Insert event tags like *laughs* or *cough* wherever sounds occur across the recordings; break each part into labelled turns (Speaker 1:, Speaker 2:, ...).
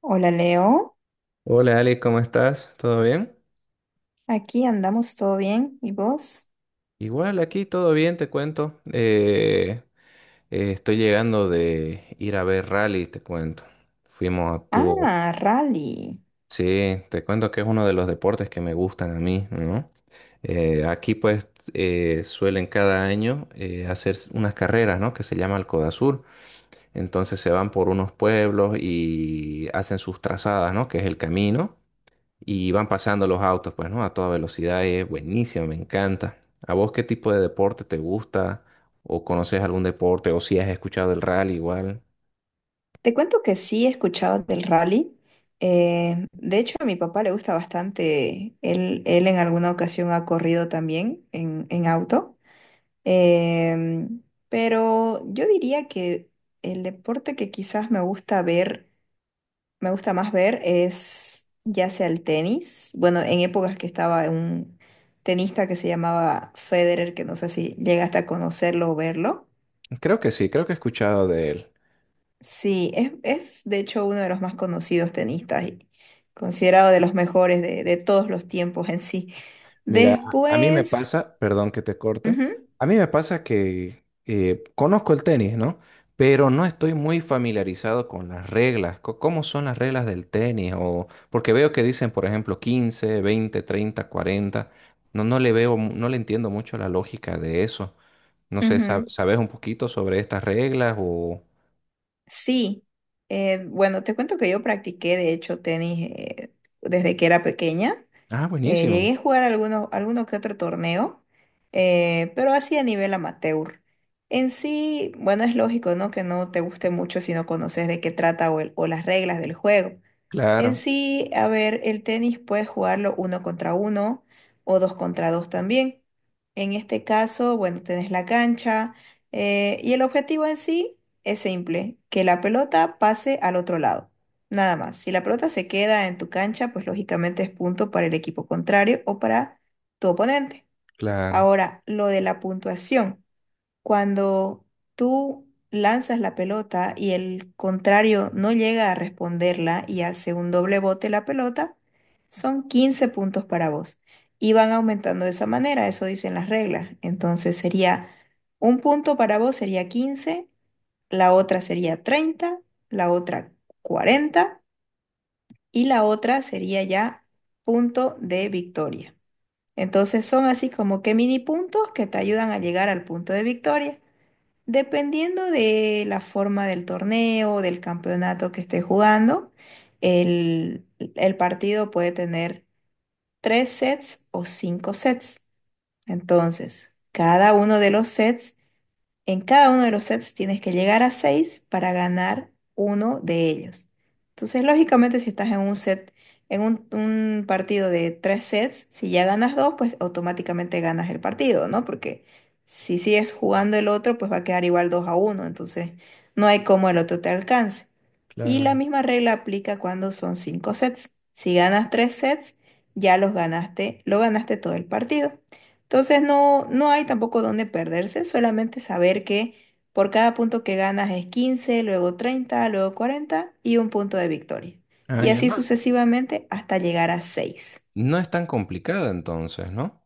Speaker 1: Hola Leo,
Speaker 2: Hola Ali, ¿cómo estás? ¿Todo bien?
Speaker 1: aquí andamos todo bien. ¿Y vos?
Speaker 2: Igual aquí todo bien, te cuento. Estoy llegando de ir a ver rally, te cuento. Fuimos a tu...
Speaker 1: Ah, rally.
Speaker 2: Sí, te cuento que es uno de los deportes que me gustan a mí, ¿no? Aquí pues suelen cada año hacer unas carreras, ¿no? Que se llama el Codasur. Entonces se van por unos pueblos y hacen sus trazadas, ¿no? Que es el camino. Y van pasando los autos, pues, ¿no? A toda velocidad, es buenísimo, me encanta. ¿A vos qué tipo de deporte te gusta? ¿O conoces algún deporte? ¿O si has escuchado del rally igual?
Speaker 1: Te cuento que sí he escuchado del rally. De hecho, a mi papá le gusta bastante. Él en alguna ocasión ha corrido también en auto. Em, pero yo diría que el deporte que quizás me gusta más ver es ya sea el tenis. Bueno, en épocas que estaba un tenista que se llamaba Federer, que no sé si llegaste a conocerlo o verlo.
Speaker 2: Creo que sí, creo que he escuchado de él.
Speaker 1: Sí, es de hecho uno de los más conocidos tenistas y considerado de los mejores de todos los tiempos en sí.
Speaker 2: Mira, a mí me
Speaker 1: Después.
Speaker 2: pasa, perdón que te corte,
Speaker 1: Ujú,
Speaker 2: a mí me pasa que conozco el tenis, ¿no? Pero no estoy muy familiarizado con las reglas, cómo son las reglas del tenis, o porque veo que dicen, por ejemplo, 15, 20, 30, cuarenta. No, no le veo, no le entiendo mucho la lógica de eso. No sé,
Speaker 1: ujú.
Speaker 2: ¿sabes un poquito sobre estas reglas o...?
Speaker 1: Sí, bueno, te cuento que yo practiqué de hecho tenis desde que era pequeña.
Speaker 2: Ah, buenísimo.
Speaker 1: Llegué a jugar alguno que otro torneo, pero así a nivel amateur. En sí, bueno, es lógico, ¿no? Que no te guste mucho si no conoces de qué trata o, o las reglas del juego. En
Speaker 2: Claro,
Speaker 1: sí, a ver, el tenis puedes jugarlo uno contra uno o dos contra dos también. En este caso, bueno, tenés la cancha y el objetivo en sí es simple, que la pelota pase al otro lado. Nada más. Si la pelota se queda en tu cancha, pues lógicamente es punto para el equipo contrario o para tu oponente.
Speaker 2: claro,
Speaker 1: Ahora, lo de la puntuación. Cuando tú lanzas la pelota y el contrario no llega a responderla y hace un doble bote la pelota, son 15 puntos para vos. Y van aumentando de esa manera, eso dicen las reglas. Entonces sería un punto para vos sería 15, la otra sería 30, la otra 40 y la otra sería ya punto de victoria. Entonces son así como que mini puntos que te ayudan a llegar al punto de victoria. Dependiendo de la forma del torneo, del campeonato que esté jugando, el, el partido puede tener 3 sets o 5 sets. Entonces, cada uno de los sets en cada uno de los sets tienes que llegar a 6 para ganar uno de ellos. Entonces, lógicamente, si estás en un set, en un partido de 3 sets, si ya ganas dos, pues automáticamente ganas el partido, ¿no? Porque si sigues jugando el otro, pues va a quedar igual 2-1. Entonces, no hay cómo el otro te alcance. Y la
Speaker 2: claro.
Speaker 1: misma regla aplica cuando son 5 sets. Si ganas 3 sets, ya los ganaste, lo ganaste todo el partido. Entonces no, no hay tampoco dónde perderse, solamente saber que por cada punto que ganas es 15, luego 30, luego 40 y un punto de victoria.
Speaker 2: Ah,
Speaker 1: Y
Speaker 2: ya
Speaker 1: así
Speaker 2: no.
Speaker 1: sucesivamente hasta llegar a 6.
Speaker 2: No es tan complicada entonces, ¿no?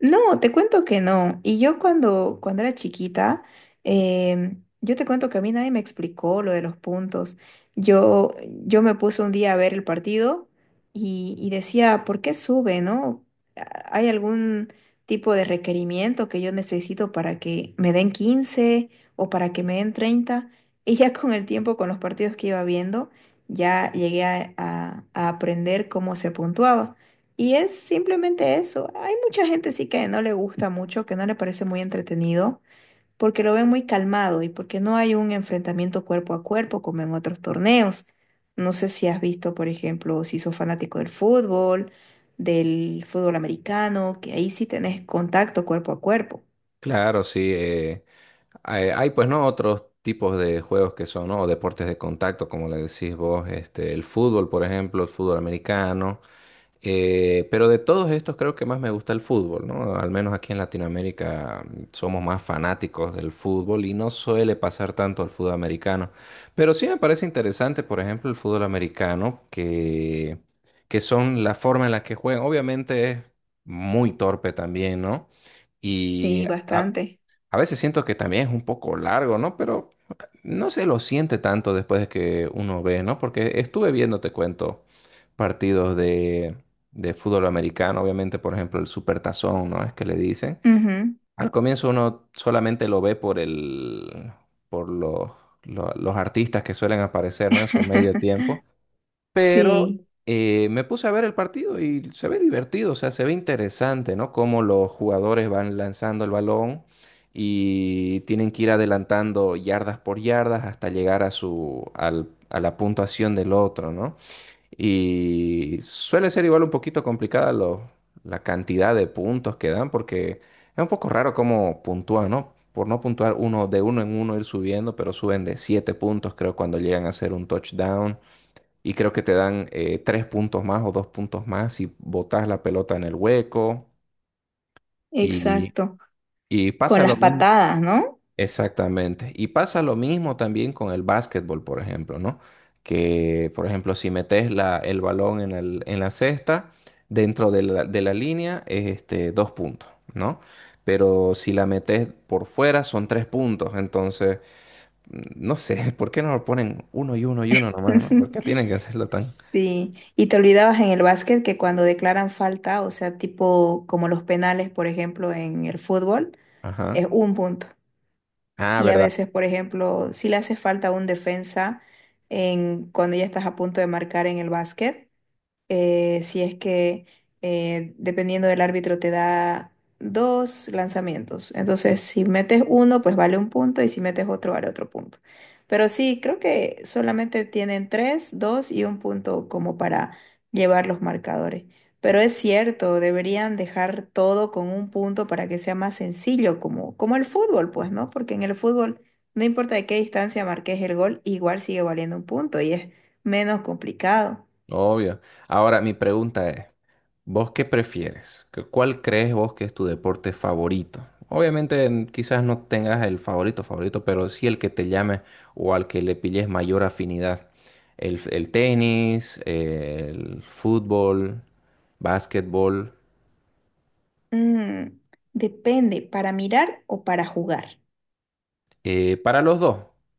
Speaker 1: No, te cuento que no. Y yo cuando, cuando era chiquita, yo te cuento que a mí nadie me explicó lo de los puntos. Yo me puse un día a ver el partido y decía, ¿por qué sube, no? ¿Hay algún tipo de requerimiento que yo necesito para que me den 15 o para que me den 30? *laughs* Y ya con el tiempo, con los partidos que iba viendo, ya llegué a aprender cómo se puntuaba. Y es simplemente eso. Hay mucha gente sí que no le gusta mucho, que no le parece muy entretenido, porque lo ven muy calmado y porque no hay un enfrentamiento cuerpo a cuerpo como en otros torneos. No sé si has visto, por ejemplo, si sos fanático del fútbol americano, que ahí sí tenés contacto cuerpo a cuerpo.
Speaker 2: Claro, sí. Hay, hay, pues no otros tipos de juegos que son, ¿no? Deportes de contacto, como le decís vos, este, el fútbol, por ejemplo, el fútbol americano. Pero de todos estos creo que más me gusta el fútbol, ¿no? Al menos aquí en Latinoamérica somos más fanáticos del fútbol y no suele pasar tanto al fútbol americano. Pero sí me parece interesante, por ejemplo, el fútbol americano, que son la forma en la que juegan. Obviamente es muy torpe también, ¿no? Y
Speaker 1: Sí,
Speaker 2: a
Speaker 1: bastante.
Speaker 2: a veces siento que también es un poco largo, ¿no? Pero no se lo siente tanto después de que uno ve, ¿no? Porque estuve viendo, te cuento, partidos de, de fútbol americano, obviamente, por ejemplo, el Supertazón, ¿no? Es que le dicen.
Speaker 1: Ujú.
Speaker 2: Al comienzo uno solamente lo ve por el, por los, lo- los artistas que suelen aparecer, ¿no? En su medio
Speaker 1: *laughs*
Speaker 2: tiempo pero
Speaker 1: Sí,
Speaker 2: me puse a ver el partido y se ve divertido, o sea, se ve interesante, ¿no? Cómo los jugadores van lanzando el balón y tienen que ir adelantando yardas por yardas hasta llegar a a la puntuación del otro, ¿no? Y suele ser igual un poquito complicada la cantidad de puntos que dan porque es un poco raro cómo puntúan, ¿no? Por no puntuar uno de uno en uno ir subiendo, pero suben de siete puntos, creo, cuando llegan a hacer un touchdown y creo que te dan tres puntos más o dos puntos más si botas la pelota en el hueco y,
Speaker 1: exacto.
Speaker 2: y
Speaker 1: Con
Speaker 2: pasa
Speaker 1: las
Speaker 2: lo mismo.
Speaker 1: patadas, ¿no?
Speaker 2: Exactamente. Y pasa lo mismo también con el básquetbol, por ejemplo, ¿no? Que, por ejemplo, si metes el balón en la cesta, dentro de de la línea, es este, dos puntos, ¿no? Pero si la metes por fuera, son tres puntos. Entonces, mm, no sé, *laughs* ¿por qué no lo ponen uno y uno y uno nomás, ¿no? ¿Por qué tienen que
Speaker 1: *laughs*
Speaker 2: hacerlo tan...
Speaker 1: Sí, y te olvidabas en el básquet que cuando declaran falta, o sea, tipo como los penales, por ejemplo, en el fútbol,
Speaker 2: Ajá.
Speaker 1: es un punto.
Speaker 2: Ah,
Speaker 1: Y a
Speaker 2: ¿verdad?
Speaker 1: veces, por ejemplo, si le hace falta a un defensa cuando ya estás a punto de marcar en el básquet, si es que dependiendo del árbitro te da dos lanzamientos. Entonces, si metes uno, pues vale un punto y si metes otro, vale otro punto. Pero sí, creo que solamente tienen tres, dos y un punto como para llevar los marcadores. Pero es cierto, deberían dejar todo con un punto para que sea más sencillo, como el fútbol, pues, ¿no? Porque en el fútbol, no importa de qué distancia marques el gol, igual sigue valiendo un punto y es menos complicado.
Speaker 2: Obvio. Ahora, mi pregunta es, ¿vos qué prefieres? ¿Qué- ¿Cuál crees vos que es tu deporte favorito? Obviamente quizás no tengas el favorito favorito, pero sí el que te llame o al que le pilles mayor afinidad. El tenis, el fútbol, básquetbol.
Speaker 1: Mm, depende, ¿para mirar o para jugar?
Speaker 2: Eh, para los dos,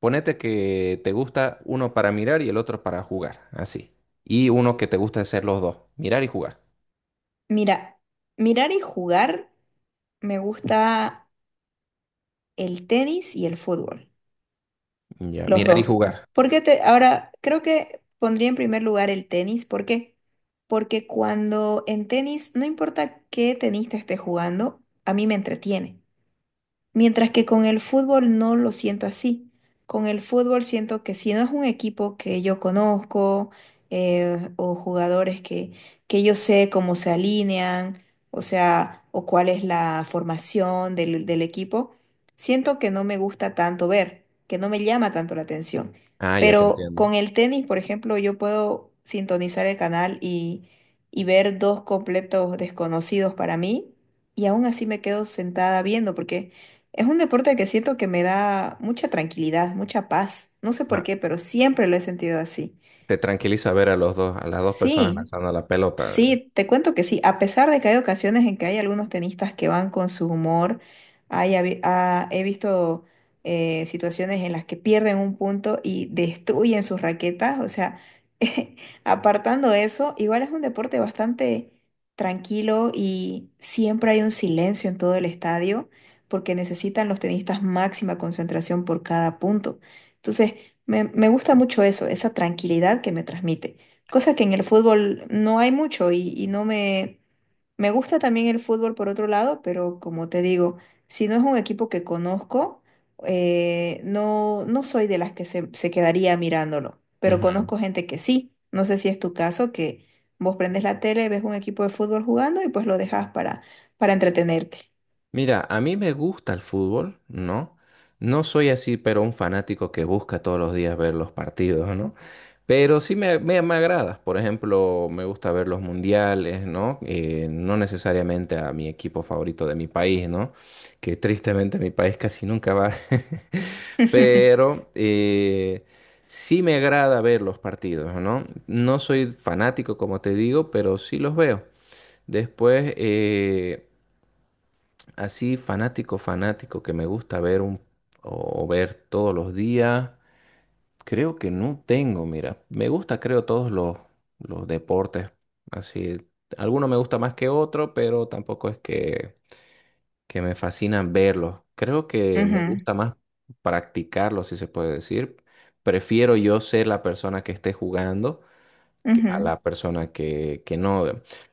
Speaker 2: ponete que te gusta uno para mirar y el otro para jugar, así. Y uno que te gusta hacer los dos, mirar y jugar.
Speaker 1: Mira, mirar y jugar me gusta el tenis y el fútbol,
Speaker 2: Ya,
Speaker 1: los
Speaker 2: mirar y
Speaker 1: dos.
Speaker 2: jugar.
Speaker 1: Ahora creo que pondría en primer lugar el tenis, ¿por qué? Porque cuando en tenis, no importa qué tenista esté jugando, a mí me entretiene. Mientras que con el fútbol no lo siento así. Con el fútbol siento que si no es un equipo que yo conozco o jugadores que yo sé cómo se alinean, o sea, o cuál es la formación del equipo, siento que no me gusta tanto ver, que no me llama tanto la atención.
Speaker 2: Ah, ya te
Speaker 1: Pero
Speaker 2: entiendo.
Speaker 1: con el tenis, por ejemplo, yo puedo sintonizar el canal y ver dos completos desconocidos para mí y aún así me quedo sentada viendo porque... Es un deporte que siento que me da mucha tranquilidad, mucha paz. No sé por qué, pero siempre lo he sentido así.
Speaker 2: Te tranquiliza ver a los dos, a las dos personas
Speaker 1: Sí,
Speaker 2: lanzando la pelota.
Speaker 1: sí, te cuento que sí, a pesar de que hay ocasiones en que hay algunos tenistas que van con su humor, ah, he visto situaciones en las que pierden un punto y destruyen sus raquetas, o sea, *laughs* apartando eso, igual es un deporte bastante tranquilo y siempre hay un silencio en todo el estadio porque necesitan los tenistas máxima concentración por cada punto. Entonces, me gusta mucho eso, esa tranquilidad que me transmite. Cosa que en el fútbol no hay mucho y no me... Me gusta también el fútbol por otro lado, pero como te digo, si no es un equipo que conozco, no, no soy de las que se quedaría mirándolo, pero
Speaker 2: Ujú.
Speaker 1: conozco gente que sí. No sé si es tu caso, que vos prendes la tele, ves un equipo de fútbol jugando y pues lo dejas para entretenerte.
Speaker 2: Mira, a mí me gusta el fútbol, ¿no? No soy así, pero un fanático que busca todos los días ver los partidos, ¿no? Pero sí me agrada. Por ejemplo, me gusta ver los mundiales, ¿no? No necesariamente a mi equipo favorito de mi país, ¿no? Que tristemente mi país casi nunca va. *laughs*
Speaker 1: *laughs*
Speaker 2: Pero sí me agrada ver los partidos, ¿no? No soy fanático, como te digo, pero sí los veo. Después, eh, Así fanático, fanático que me gusta ver un o ver todos los días. Creo que no tengo, mira. Me gusta, creo, los deportes. Así, alguno me gusta más que otro, pero tampoco es que me fascina verlos. Creo que me
Speaker 1: Ujú,
Speaker 2: gusta más practicarlos, si se puede decir. Prefiero yo ser la persona que esté jugando a
Speaker 1: ujú.
Speaker 2: la persona que no.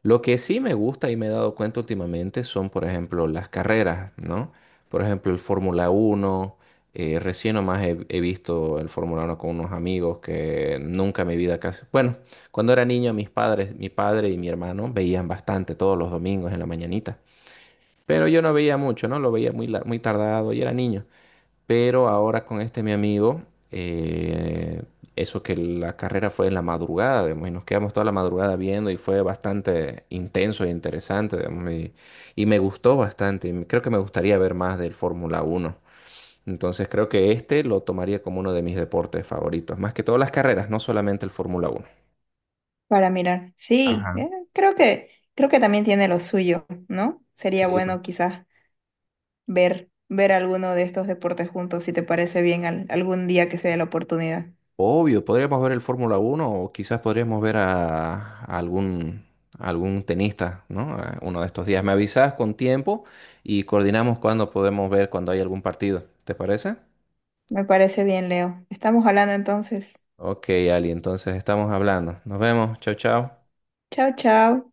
Speaker 2: Lo que sí me gusta y me he dado cuenta últimamente son, por ejemplo, las carreras, ¿no? Por ejemplo, el Fórmula uno recién nomás he visto el Fórmula uno con unos amigos que nunca en mi vida casi... Bueno, cuando era niño, mis padres, mi padre y mi hermano veían bastante todos los domingos en la mañanita. Pero yo no veía mucho, ¿no? Lo veía muy, muy tardado y era niño. Pero ahora con este mi amigo, eh, eso que la carrera fue en la madrugada, digamos, y nos quedamos toda la madrugada viendo y fue bastante intenso e interesante, digamos, y me gustó bastante. Y creo que me gustaría ver más del Fórmula Uno. Entonces creo que este lo tomaría como uno de mis deportes favoritos, más que todas las carreras, no solamente el Fórmula Uno.
Speaker 1: Para mirar. Sí, creo creo que también tiene lo suyo, ¿no? Sería
Speaker 2: Sí,
Speaker 1: bueno quizás ver alguno de estos deportes juntos, si te parece bien, algún día que se dé la oportunidad.
Speaker 2: obvio, podríamos ver el Fórmula uno o quizás podríamos ver a algún, a algún tenista, ¿no? A uno de estos días. Me avisas con tiempo y coordinamos cuando podemos ver cuando hay algún partido. ¿Te parece?
Speaker 1: Me parece bien, Leo. Estamos hablando entonces.
Speaker 2: Ok, Ali, entonces estamos hablando. Nos vemos. Chao, chao.
Speaker 1: Chao, chao.